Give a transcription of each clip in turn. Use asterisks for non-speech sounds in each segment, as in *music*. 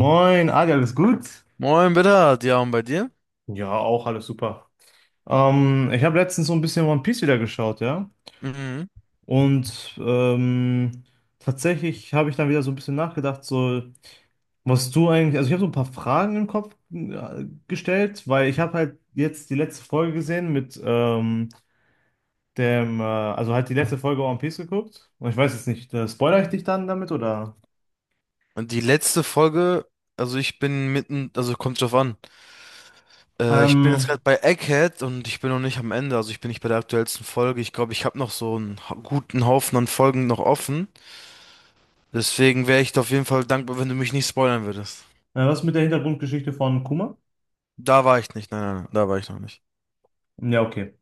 Moin, Adi, alles gut? Moin, bitte. Ja, und bei dir? Ja, auch alles super. Ich habe letztens so ein bisschen One Piece wieder geschaut, ja. Mhm. Und tatsächlich habe ich dann wieder so ein bisschen nachgedacht, so, was du eigentlich, also ich habe so ein paar Fragen im Kopf gestellt, weil ich habe halt jetzt die letzte Folge gesehen mit dem, also halt die letzte Folge One Piece geguckt. Und ich weiß jetzt nicht, spoiler ich dich dann damit oder? Und die letzte Folge, also ich bin mitten, also kommt drauf an. Ich bin jetzt Ähm, gerade bei Egghead und ich bin noch nicht am Ende, also ich bin nicht bei der aktuellsten Folge. Ich glaube, ich habe noch so einen guten Haufen an Folgen noch offen. Deswegen wäre ich dir auf jeden Fall dankbar, wenn du mich nicht spoilern würdest. Was mit der Hintergrundgeschichte von Kuma? Da war ich nicht, nein, nein, nein, da war ich noch nicht. Ja, okay.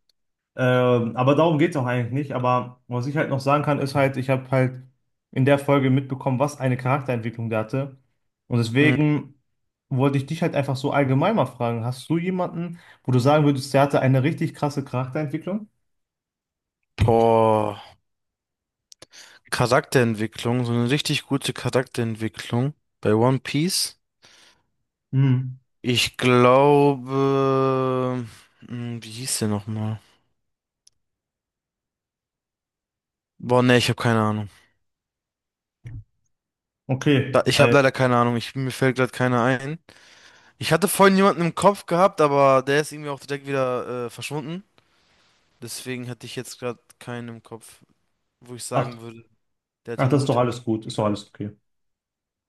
Aber darum geht es auch eigentlich nicht. Aber was ich halt noch sagen kann, ist halt, ich habe halt in der Folge mitbekommen, was eine Charakterentwicklung der hatte. Und Mhm. deswegen wollte ich dich halt einfach so allgemein mal fragen, hast du jemanden, wo du sagen würdest, der hatte eine richtig krasse Charakterentwicklung? Boah, Charakterentwicklung, so eine richtig gute Charakterentwicklung bei One Piece. Hm, Ich glaube, wie hieß der nochmal? Boah, nee, ich habe keine Ahnung. okay, Ich habe weil, leider keine Ahnung. Ich, mir fällt gerade keiner ein. Ich hatte vorhin jemanden im Kopf gehabt, aber der ist irgendwie auch direkt wieder verschwunden. Deswegen hatte ich jetzt gerade keinen im Kopf, wo ich ach, sagen würde, der hatte ach, eine das ist doch gute. alles gut, ist doch alles okay.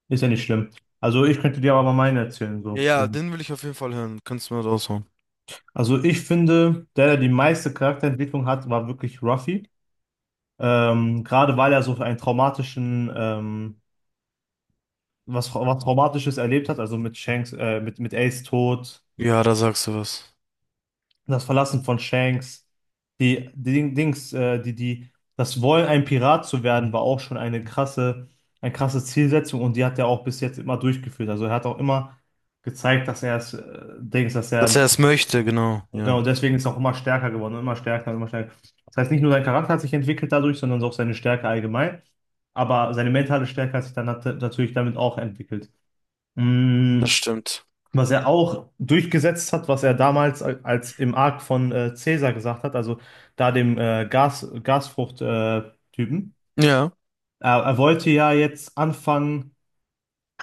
Ist ja nicht schlimm. Also ich könnte dir aber mal meine erzählen, Ja, so. ja, den will ich auf jeden Fall hören. Kannst du mal raushauen. Also ich finde, der die meiste Charakterentwicklung hat, war wirklich Ruffy. Gerade weil er so einen traumatischen, was Traumatisches erlebt hat, also mit Shanks, mit Ace Tod, Ja, da sagst du was. das Verlassen von Shanks, die, die Ding- Dings, die, die, das Wollen, ein Pirat zu werden, war auch schon eine krasse Zielsetzung und die hat er auch bis jetzt immer durchgeführt. Also er hat auch immer gezeigt, dass er es, Dings, dass er Dass ein er es Pirat. möchte, genau. Und Ja, genau deswegen ist er auch immer stärker geworden, und immer stärker und immer stärker. Das heißt, nicht nur sein Charakter hat sich entwickelt dadurch, sondern auch seine Stärke allgemein. Aber seine mentale Stärke hat sich dann natürlich damit auch entwickelt. das Mm, stimmt. was er auch durchgesetzt hat, was er damals als im Arc von Caesar gesagt hat, also da dem Gasfrucht-Typen. Typen. Ja. Er wollte ja jetzt anfangen,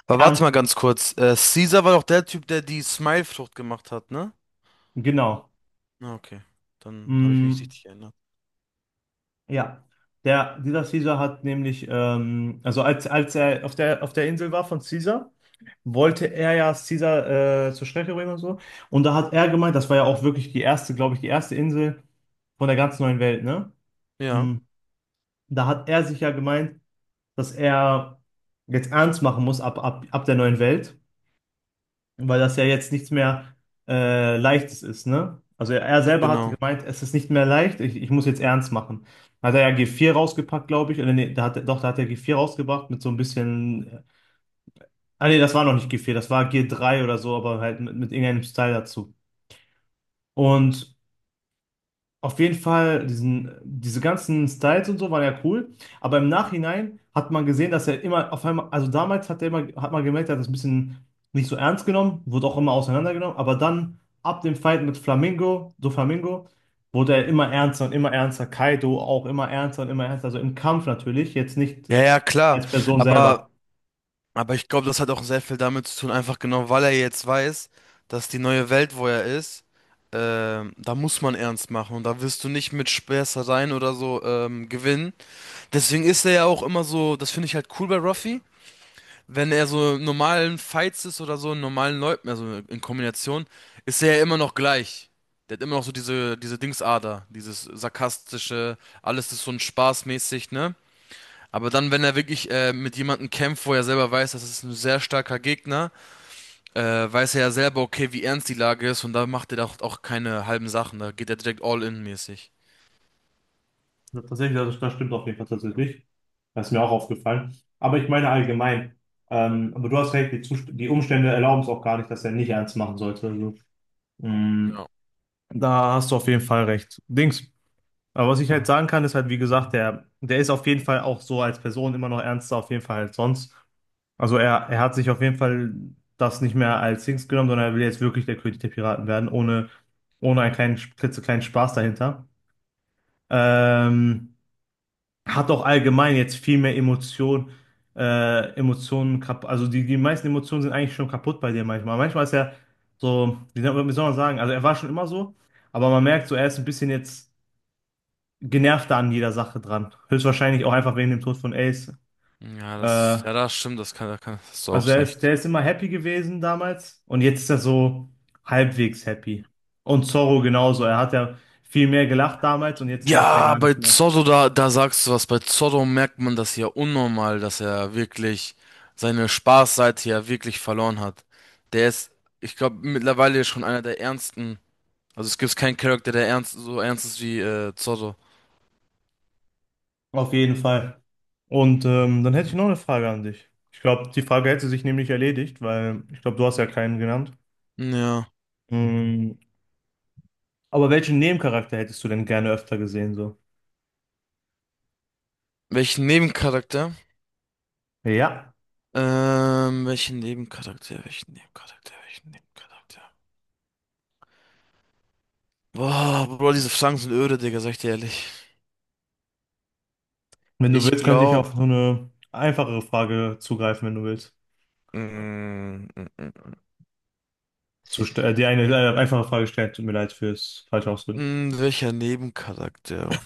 Aber warte ernst, mal ganz kurz. Caesar war doch der Typ, der die Smile-Frucht gemacht hat, ne? genau. Ah, okay. Dann habe ich mich Mm, richtig erinnert. ja, dieser Caesar hat nämlich, also als, als er auf der Insel war von Caesar, wollte er ja Caesar zur Strecke bringen und so. Und da hat er gemeint, das war ja auch wirklich die erste, glaube ich, die erste Insel von der ganz neuen Welt, ne? Ja, Mhm. Da hat er sich ja gemeint, dass er jetzt ernst machen muss ab der neuen Welt, weil das ja jetzt nichts mehr Leichtes ist, ne? Also er selber hat genau. gemeint, es ist nicht mehr leicht, ich muss jetzt ernst machen. Hat er ja G4 rausgepackt, glaube ich. Oder nee, da hat, doch, da hat er G4 rausgebracht mit so ein bisschen. Ah nee, das war noch nicht G4, das war G3 oder so, aber halt mit irgendeinem Style dazu. Und auf jeden Fall, diese ganzen Styles und so waren ja cool, aber im Nachhinein hat man gesehen, dass er immer auf einmal, also damals hat er immer, hat man gemerkt, er hat das ein bisschen nicht so ernst genommen, wurde auch immer auseinandergenommen, aber dann ab dem Fight mit Flamingo, so Flamingo, wurde er immer ernster und immer ernster, Kaido auch immer ernster und immer ernster, also im Kampf natürlich, jetzt nicht Ja, ja, klar. als Person Aber selber. Aber ich glaube, das hat auch sehr viel damit zu tun, einfach genau, weil er jetzt weiß, dass die neue Welt, wo er ist, da muss man ernst machen und da wirst du nicht mit Späßereien oder so gewinnen. Deswegen ist er ja auch immer so, das finde ich halt cool bei Ruffy, wenn er so in normalen Fights ist oder so, in normalen Leuten, also in Kombination, ist er ja immer noch gleich. Der hat immer noch so diese, diese Dingsader, dieses sarkastische, alles ist so ein Spaß mäßig, ne? Aber dann, wenn er wirklich mit jemandem kämpft, wo er selber weiß, das ist ein sehr starker Gegner, äh, weiß er ja selber, okay, wie ernst die Lage ist und da macht er doch auch keine halben Sachen. Da geht er direkt all in mäßig. Ja, tatsächlich, ja, das stimmt auf jeden Fall tatsächlich. Das ist mir auch aufgefallen. Aber ich meine allgemein. Aber du hast recht, die Umstände erlauben es auch gar nicht, dass er nicht ernst machen sollte. Also, mh, Ja. da hast du auf jeden Fall recht. Dings. Aber was ich halt sagen kann, ist halt, wie gesagt, der ist auf jeden Fall auch so als Person immer noch ernster, auf jeden Fall als sonst. Also er hat sich auf jeden Fall das nicht mehr als Dings genommen, sondern er will jetzt wirklich der König der Piraten werden, ohne, ohne einen kleinen, klitzekleinen Spaß dahinter. Ähm, hat auch allgemein jetzt viel mehr Emotion, Emotionen kaputt. Also die, die meisten Emotionen sind eigentlich schon kaputt bei dir manchmal. Manchmal ist er so, wie soll man sagen, also er war schon immer so, aber man merkt so, er ist ein bisschen jetzt genervter an jeder Sache dran. Höchstwahrscheinlich auch einfach wegen dem Tod von Ace. Äh, Ja, das stimmt, das kann, das kann, das ist also auch er ist, recht. der ist immer happy gewesen damals und jetzt ist er so halbwegs happy. Und Zorro genauso. Er hat ja viel mehr gelacht damals und jetzt lacht er Ja, gar bei nicht mehr. Zorro, da, da sagst du was. Bei Zorro merkt man das ja unnormal, dass er wirklich seine Spaßseite ja wirklich verloren hat. Der ist, ich glaube, mittlerweile schon einer der ernsten. Also es gibt keinen Charakter, der ernst, so ernst ist wie Zorro. Auf jeden Fall. Und dann hätte ich noch eine Frage an dich. Ich glaube, die Frage hätte sich nämlich erledigt, weil ich glaube, du hast ja keinen genannt. Ja. Mm, aber welchen Nebencharakter hättest du denn gerne öfter gesehen, so? Welchen Nebencharakter? Ja. Welchen Nebencharakter? Welchen Nebencharakter? Welchen Nebencharakter? Boah, Bro, diese Fragen sind öde, Digga, sag ich dir ehrlich. Wenn du Ich willst, könnte ich glaube. auf so eine einfachere Frage zugreifen, wenn du willst. Mm, mm, mm, Die eine einfache Frage stellen, tut mir leid fürs falsche Ausdrücken. Welcher Nebencharakter?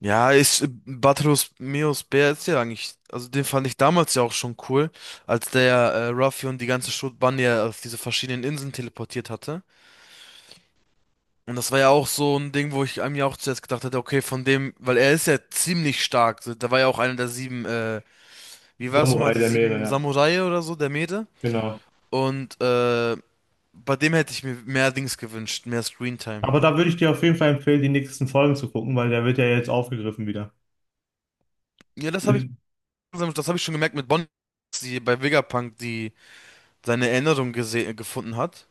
Ja, ist Batros Meus Bär ist ja eigentlich. Also den fand ich damals ja auch schon cool, als der Ruffy und die ganze Schrotbande ja auf diese verschiedenen Inseln teleportiert hatte. Und das war ja auch so ein Ding, wo ich einem ja auch zuerst gedacht hätte, okay, von dem, weil er ist ja ziemlich stark. So, da war ja auch einer der sieben, wie war es nochmal, Samurai die der Meere, sieben ja. Samurai oder so, der Mete. Genau. Und bei dem hätte ich mir mehr Dings gewünscht, mehr Screentime. Aber da würde ich dir auf jeden Fall empfehlen, die nächsten Folgen zu gucken, weil der wird ja jetzt aufgegriffen wieder. Ja, Mit, das habe ich schon gemerkt mit Bonnie, die bei Vegapunk, die seine Erinnerung gefunden hat.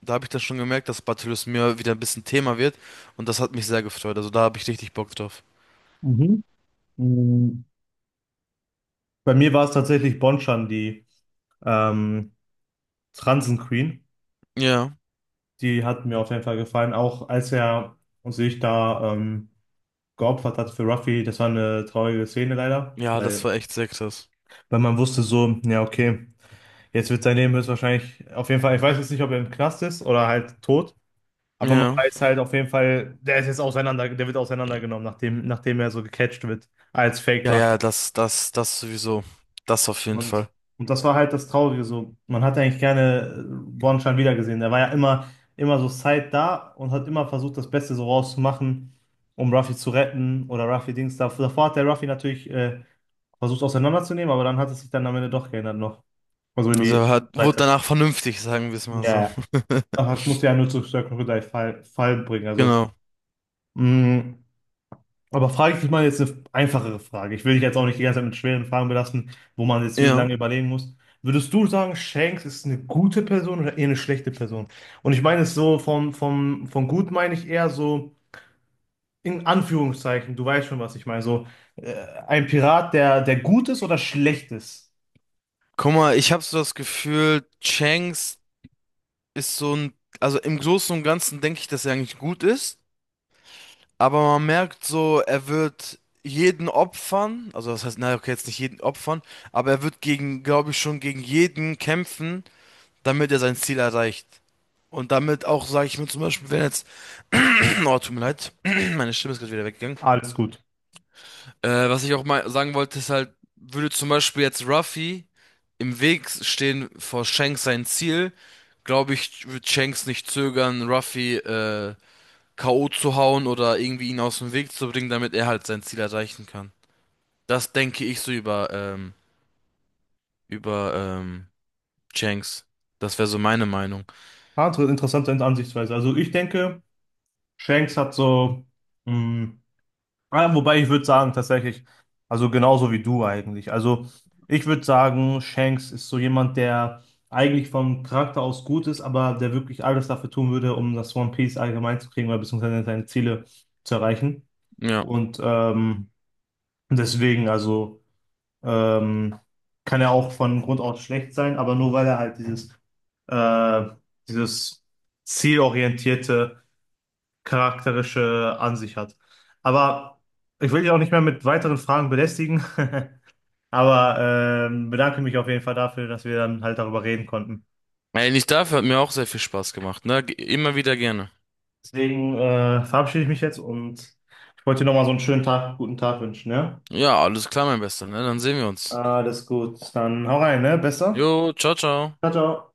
Da habe ich dann schon gemerkt, dass Battlus mir wieder ein bisschen Thema wird. Und das hat mich sehr gefreut. Also da habe ich richtig Bock drauf. mhm. Mm, bei mir war es tatsächlich Bonchan, die ähm, Transen Queen, Ja, die hat mir auf jeden Fall gefallen. Auch als er sich da geopfert hat für Ruffy, das war eine traurige Szene leider, ja, das weil, war echt sehr krass. weil man wusste so, ja, okay, jetzt wird sein Leben höchstwahrscheinlich, auf jeden Fall, ich weiß jetzt nicht, ob er im Knast ist oder halt tot, aber man Ja. weiß halt auf jeden Fall, der ist jetzt auseinander, der wird auseinandergenommen, nachdem, nachdem er so gecatcht wird als Fake Ja, ja, Ruffy. das, das, das sowieso. Das auf jeden Und, Fall. und das war halt das Traurige so. Man hat ja eigentlich gerne Bornstein wiedergesehen. Der war ja immer, immer so Zeit da und hat immer versucht, das Beste so rauszumachen, um Ruffy zu retten oder Ruffy Dings. Da Davor hat der Ruffy natürlich versucht auseinanderzunehmen, aber dann hat es sich dann am Ende doch geändert noch. Also in Also die er hat, wurde Seite. danach vernünftig, sagen wir es mal Ja, so. ja. Ach, *laughs* das muss ja nur zu Circle Crocodile Fall bringen. Also, Genau. mh, aber frage ich dich mal jetzt eine einfachere Frage. Ich will dich jetzt auch nicht die ganze Zeit mit schweren Fragen belasten, wo man jetzt Ja. lange überlegen muss. Würdest du sagen, Shanks ist eine gute Person oder eher eine schlechte Person? Und ich meine es so, von gut meine ich eher so in Anführungszeichen, du weißt schon, was ich meine. So äh, ein Pirat, der gut ist oder schlecht ist. Guck mal, ich habe so das Gefühl, Changs ist so ein, also im Großen und Ganzen denke ich, dass er eigentlich gut ist, aber man merkt so, er wird jeden opfern, also das heißt, naja, okay, jetzt nicht jeden opfern, aber er wird gegen, glaube ich, schon gegen jeden kämpfen, damit er sein Ziel erreicht. Und damit auch, sage ich mir zum Beispiel, wenn jetzt, *clears throat* oh, tut mir leid, *clears throat* meine Stimme ist gerade wieder weggegangen. Alles gut. Was ich auch mal sagen wollte, ist halt, würde zum Beispiel jetzt Ruffy im Weg stehen vor Shanks sein Ziel, glaube ich, wird Shanks nicht zögern, Ruffy K.O. zu hauen oder irgendwie ihn aus dem Weg zu bringen, damit er halt sein Ziel erreichen kann. Das denke ich so über, über Shanks. Das wäre so meine Meinung. Ja, interessante Ansichtsweise. Also ich denke, Shanks hat so. Mh, ja, wobei ich würde sagen, tatsächlich, also genauso wie du eigentlich. Also ich würde sagen, Shanks ist so jemand, der eigentlich vom Charakter aus gut ist, aber der wirklich alles dafür tun würde, um das One Piece allgemein zu kriegen oder beziehungsweise seine Ziele zu erreichen. Ja. Und deswegen, also ähm, kann er auch von Grund aus schlecht sein, aber nur weil er halt dieses, äh, dieses zielorientierte charakterische an sich hat. Aber ich will dich auch nicht mehr mit weiteren Fragen belästigen, *laughs* aber bedanke mich auf jeden Fall dafür, dass wir dann halt darüber reden konnten. Ey, nicht dafür hat mir auch sehr viel Spaß gemacht, ne? Immer wieder gerne. Deswegen verabschiede ich mich jetzt und ich wollte dir nochmal so einen schönen Tag, guten Tag wünschen, ja? Ja, alles klar, mein Bester, ne? Dann sehen wir uns. Alles gut, dann hau rein, ne? Besser? Jo, ciao, ciao. Ciao, ciao.